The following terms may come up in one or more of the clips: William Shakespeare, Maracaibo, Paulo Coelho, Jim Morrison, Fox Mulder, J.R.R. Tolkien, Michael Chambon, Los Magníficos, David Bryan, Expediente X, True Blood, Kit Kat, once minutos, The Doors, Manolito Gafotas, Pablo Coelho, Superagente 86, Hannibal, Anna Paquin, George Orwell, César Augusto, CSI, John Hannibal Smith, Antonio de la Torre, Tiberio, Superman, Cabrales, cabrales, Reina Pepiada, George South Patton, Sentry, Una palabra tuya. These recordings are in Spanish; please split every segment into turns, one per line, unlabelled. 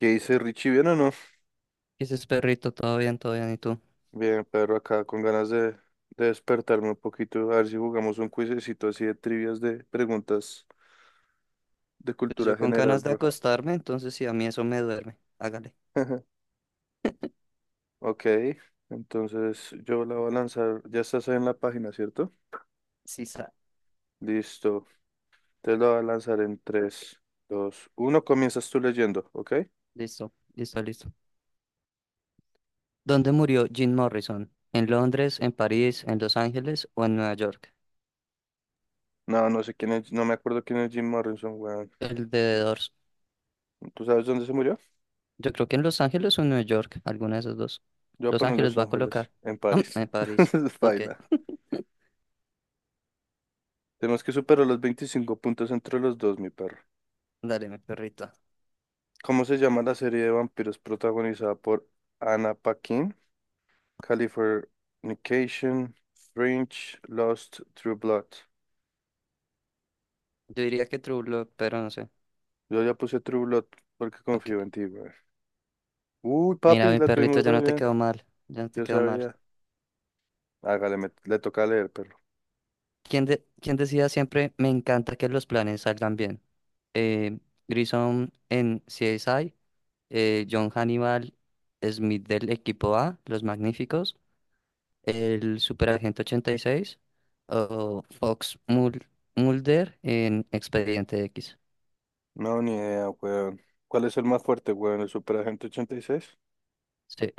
¿Qué dice Richie? ¿Bien o no?
Y dices, perrito, todo bien, ¿y tú?
Bien, Pedro, acá con ganas de despertarme un poquito, a ver si jugamos un cuisecito así de trivias de preguntas de
Pues
cultura
yo con
general,
ganas de
bro.
acostarme, entonces sí, a mí eso me duerme. Hágale.
Ok, entonces yo la voy a lanzar, ya estás ahí en la página, ¿cierto?
Sí, está.
Listo, te la voy a lanzar en tres, dos, uno. Comienzas tú leyendo, ¿ok?
Listo, listo, listo. ¿Dónde murió Jim Morrison? ¿En Londres, en París, en Los Ángeles o en Nueva York?
No, no sé quién es, no me acuerdo quién es Jim Morrison, weón.
El de The Doors.
¿Tú sabes dónde se murió?
Yo creo que en Los Ángeles o en Nueva York, alguna de esas dos.
Yo voy a
Los
poner
Ángeles
Los
va a
Ángeles,
colocar.
en
Ah,
París.
en París. Ok.
Baila. Tenemos que superar los 25 puntos entre los dos, mi perro.
Dale, mi perrito.
¿Cómo se llama la serie de vampiros protagonizada por Anna Paquin? Californication, Fringe, Lost, True Blood.
Yo diría que True Blood, pero no sé.
Yo ya puse True Blood porque
Ok.
confío en ti, güey. Uy,
Mira,
papi,
mi
la
perrito,
tuvimos
ya
re
no te
bien.
quedó mal. Ya no te
Yo
quedó mal.
sabía. Hágale, le toca leer, perro.
¿Quién, quién decía siempre, me encanta que los planes salgan bien? Eh, Grissom en CSI, John Hannibal Smith del equipo A, Los Magníficos, el Superagente 86, o Fox Mulder en Expediente X.
No, ni idea, weón. ¿Cuál es el más fuerte, weón? ¿El Superagente 86?
Sí,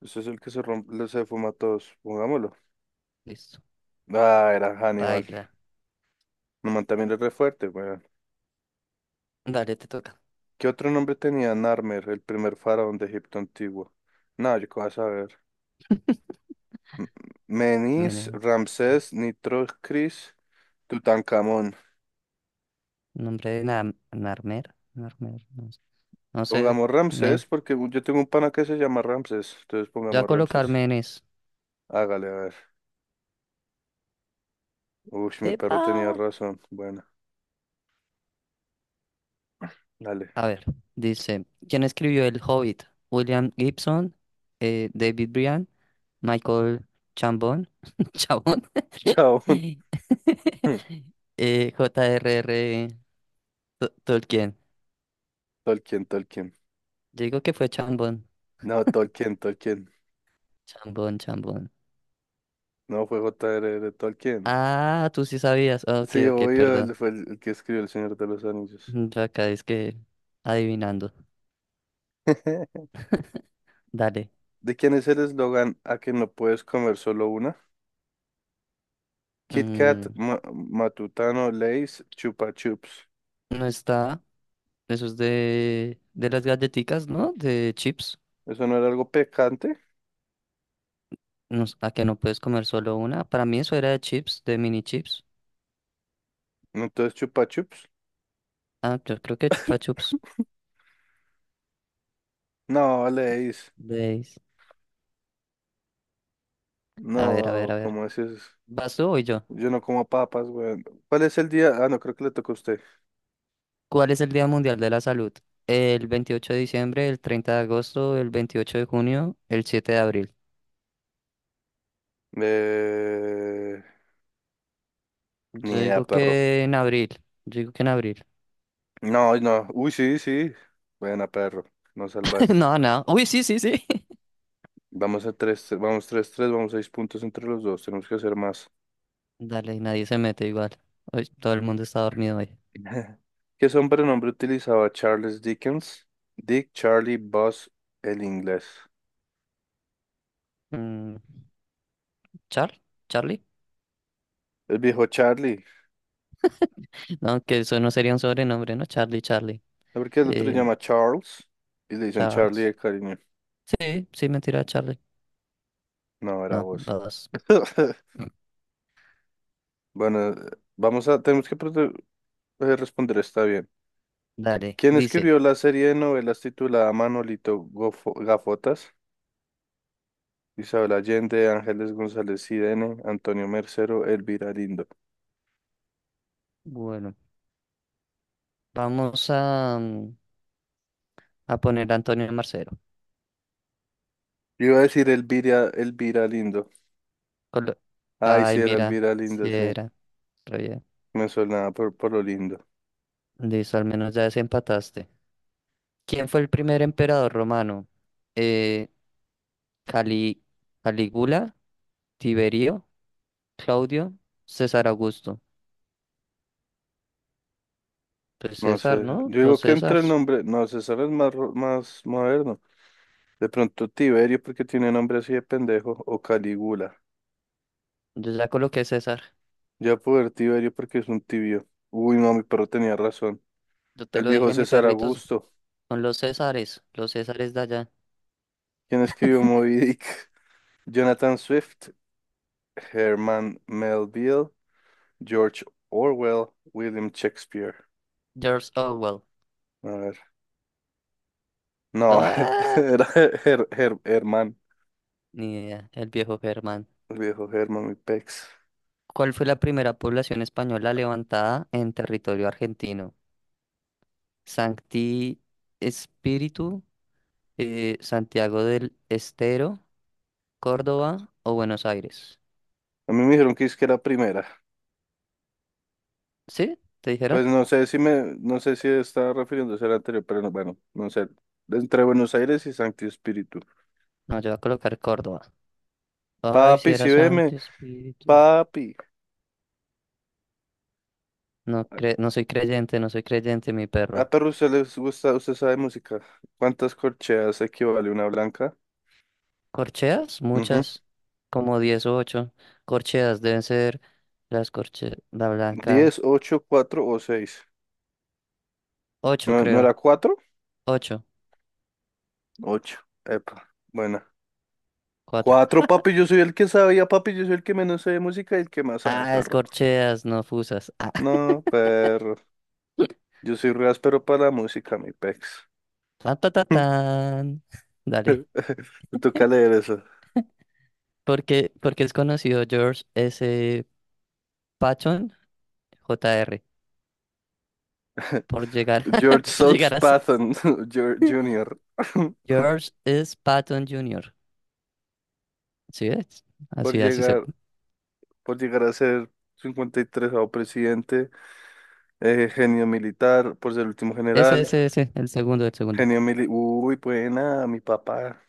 Ese es el que se rompe, se fuma a todos. Pongámoslo.
listo.
Ah, era Hannibal.
Baila.
No, man, también es re fuerte, güey.
Dale, te toca.
¿Qué otro nombre tenía Narmer, el primer faraón de Egipto antiguo? No, yo qué vas a saber. M- Menis,
Menes-
Ramsés, Nitrocris, Tutankamón.
Nombre de Narmer. Narmer, no sé. No sé.
Pongamos
Men.
Ramsés porque yo tengo un pana que se llama Ramsés. Entonces
Ya
pongamos
colocar
Ramsés.
Menes.
Hágale, a ver. Uy, mi perro tenía
¡Epa!
razón. Bueno, dale.
A ver, dice, ¿quién escribió El Hobbit? William Gibson, David Bryan, Michael Chambon, Chabón,
Chao.
J.R.R. Tolkien.
Tolkien, Tolkien.
Yo digo que fue Chambon,
No, Tolkien, Tolkien.
Chambon, Chambon.
No fue J.R.R. Tolkien.
Ah, tú sí sabías. Ah, Ok,
Sí,
ok,
obvio, él
perdón.
fue el que escribió El Señor de los Anillos.
Yo acá es que adivinando. Dale.
¿De quién es el eslogan «a que no puedes comer solo una»? Kit Kat,
Mm,
Matutano, Lays, Chupa Chups.
no está. Eso es de las galletitas, ¿no? De chips.
¿Eso no era algo picante?
No, a que no puedes comer solo una. Para mí eso era de chips, de mini chips.
Entonces, Chupa Chups.
Ah, yo creo que chupa chups.
No, Lays.
Veis. A ver, a ver,
No,
a ver.
¿cómo es eso?
¿Vas tú o voy yo?
Yo no como papas, güey. ¿Cuál es el día? Ah, no, creo que le toca a usted.
¿Cuál es el Día Mundial de la Salud? ¿El 28 de diciembre, el 30 de agosto, el 28 de junio, el 7 de abril?
Eh...
Yo
Ni idea,
digo
perro.
que en abril. Yo digo que en abril.
No, no. Uy, sí, sí. Buena, perro. Nos salvaste.
No, no. Uy, sí, sí, sí.
Vamos a 3. Vamos tres tres. Vamos 6 puntos entre los dos. Tenemos que hacer más.
Dale, nadie se mete igual. Uy, todo el mundo está dormido hoy.
¿Qué sobrenombre utilizaba Charles Dickens? Dick, Charlie, Buzz, el inglés.
Mm, ¿Char? ¿Charlie?
El viejo Charlie.
No, que eso no sería un sobrenombre, ¿no? Charlie, Charlie.
¿No? Porque el otro se
Eh,
llama Charles y le dicen Charlie
Charles.
de cariño.
Sí, sí, mentira, Charlie.
No, era
No,
vos.
babas.
Bueno, vamos a, tenemos que prote- responder está bien.
Dale,
¿Quién
dice.
escribió la serie de novelas titulada Gafotas? Isabel Allende, Ángeles González Cidene, Antonio Mercero, Elvira Lindo.
Bueno, vamos a poner a Antonio Marcelo.
Yo iba a decir Elvira, Elvira Lindo.
Colo-
Ay,
Ay,
sí, era
mira,
Elvira
si
Lindo, sí.
era. Re bien.
Me suena por lo lindo.
Listo, al menos ya desempataste. ¿Quién fue el primer emperador romano? Eh, Cali- Calígula, Tiberio, Claudio, César Augusto. Pues
No
César,
sé.
¿no?
Yo digo
Los
que entre el
Césars.
nombre. No, César es más, más moderno. De pronto Tiberio porque tiene nombre así de pendejo. O Calígula.
Yo ya coloqué César.
Ya puedo ver Tiberio porque es un tibio. Uy, no, mi perro tenía razón.
Yo te
El
lo
viejo
dije, mi
César
perrito,
Augusto.
son los Césares de allá.
¿Quién escribió Moby Dick? Jonathan Swift. Herman Melville. George Orwell. William Shakespeare.
George Orwell.
A ver. No,
Ah,
era Herman.
ni idea, el viejo Germán.
El viejo Herman, mi pex.
¿Cuál fue la primera población española levantada en territorio argentino? Sancti Espíritu, Santiago del Estero, Córdoba o Buenos Aires.
A mí me dijeron que es que era primera.
¿Sí? ¿Te dijeron?
Pues no sé no sé si estaba refiriéndose al anterior, pero no, bueno, no sé. Entre Buenos Aires y Santi Espíritu.
No, yo voy a colocar Córdoba. Ay, si
Papi, si
era
veme,
Sancti Espíritu.
papi.
No, no soy creyente, no soy creyente, mi
Ah,
perro.
pero usted les gusta, usted sabe música. ¿Cuántas corcheas equivale una blanca?
¿Corcheas?
Ujú.
Muchas, como 10 o 8 corcheas deben ser, las corcheas, la blanca.
Diez, ocho, cuatro o seis.
Ocho
¿No, no era
creo,
cuatro?
ocho.
Ocho. Epa, buena.
Cuatro.
Cuatro, papi, yo soy el que sabía, papi, yo soy el que menos sabe de música y el que más sabe,
Ah,
perro.
escorcheas, no fusas. Ah.
No, perro. Yo soy re áspero para la música, mi pex.
Tan, tan, tan, tan. Dale.
Me toca leer eso.
Porque es conocido George S. Patton, J R por llegar,
George
por llegar
South
a ser-
Patton Jr. Jr.,
George S. Patton Jr. ¿Sí ves?
por
Así, así se.
llegar, por llegar a ser 53 presidente, genio militar, por ser el último
Ese,
general,
ese, ese, el segundo, el segundo.
genio militar. Uy, buena, mi papá.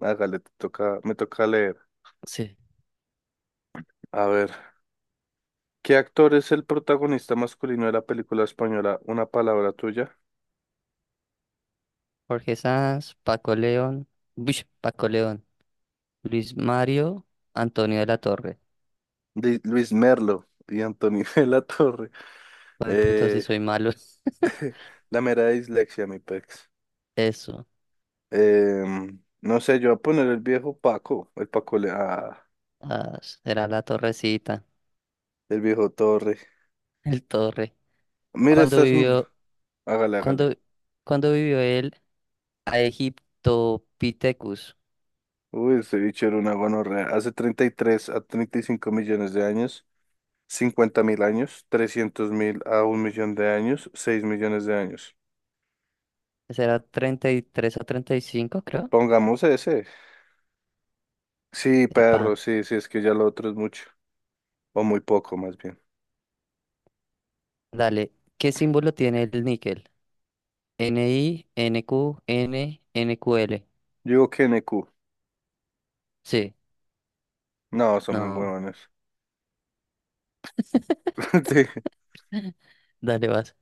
Hágale, te toca, me toca leer.
Sí.
A ver, ¿qué actor es el protagonista masculino de la película española Una palabra tuya?
Jorge Sanz, Paco León, Uish, Paco León, Luis Mario, Antonio de la Torre.
Luis Merlo y Antonio de la Torre.
Ay, puta, si
Eh,
soy malo.
la mera dislexia, mi pex.
Eso.
No sé, yo voy a poner el viejo Paco, el Paco le ah,
Ah, será la torrecita.
el viejo Torre.
El Torre.
Mira,
Cuando
estás mal.
vivió,
Hágale, hágale.
cuando, cuando vivió él a Pithecus?
Uy, ese bicho era una gonorrea. Hace 33 a 35 millones de años, 50.000 años, 300.000 a 1.000.000 de años, 6.000.000 de años.
Será treinta y tres a 35, creo.
Pongamos ese. Sí,
Epa,
perro, sí, sí, es que ya lo otro es mucho. O muy poco, más bien.
dale. ¿Qué símbolo tiene el níquel? NI, NQ, N, NQL.
Yo digo que N Q.
Sí,
No, son muy
no.
huevones. Sí.
Dale, vas.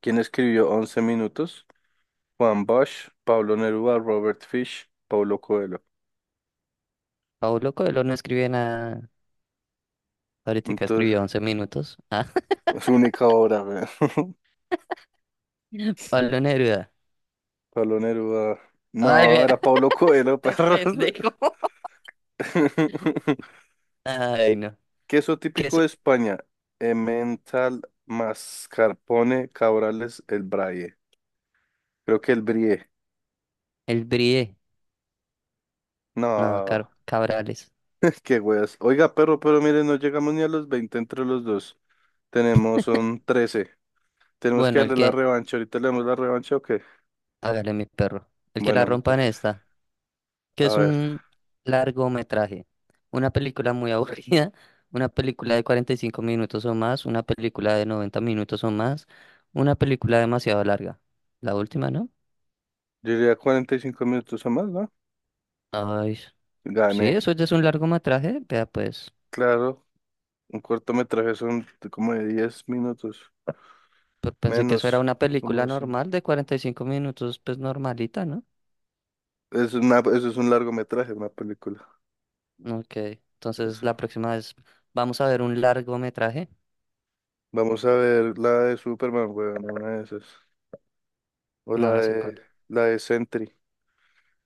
¿Quién escribió once minutos? Juan Bosch, Pablo Neruda, Robert Fish, Paulo Coelho.
Pablo Coelho no escribe nada. Ahorita
Entonces,
escribió 11 minutos. Ah,
su única obra, weón.
Pablo Neruda.
Pablo Neruda.
Ay,
No,
vea,
era Paulo Coelho,
este
perros.
pendejo. Ay, no.
Queso
¿Qué
típico
es?
de España. Emmental, mascarpone, cabrales, el braille. Creo que el brie.
El Brie. No,
No,
Cabrales.
qué weas. Oiga, perro, pero mire, no llegamos ni a los 20 entre los dos. Tenemos, son 13. Tenemos que
Bueno, el
darle la
que,
revancha. Ahorita le damos la revancha, ¿o qué?
hágale mi perro, el que la
Bueno,
rompa
pues.
en esta, que
A
es
ver.
un largometraje, una película muy aburrida, una película de 45 minutos o más, una película de 90 minutos o más, una película demasiado larga. La última, ¿no?
Yo diría 45 minutos o más, ¿no?
Ay, sí,
Gané.
eso ya es un largometraje, vea pues,
Claro, un cortometraje son de como de 10 minutos,
pensé que
menos,
eso era una
como
película
de cinco.
normal de 45 minutos, pues normalita, ¿no?
Es una, eso es un largometraje, una película.
Ok, entonces
Eso.
la próxima vez vamos a ver un largometraje,
Vamos a ver la de Superman, weón, una de esas. O
no, no sé cuál,
la de Sentry.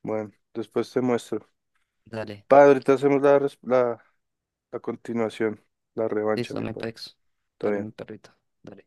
Bueno, después te muestro.
dale.
Padre, ahorita hacemos la continuación, la revancha,
Listo,
mi
dame
por.
pex.
Todo
Dale, mi
bien.
perrito. Dale.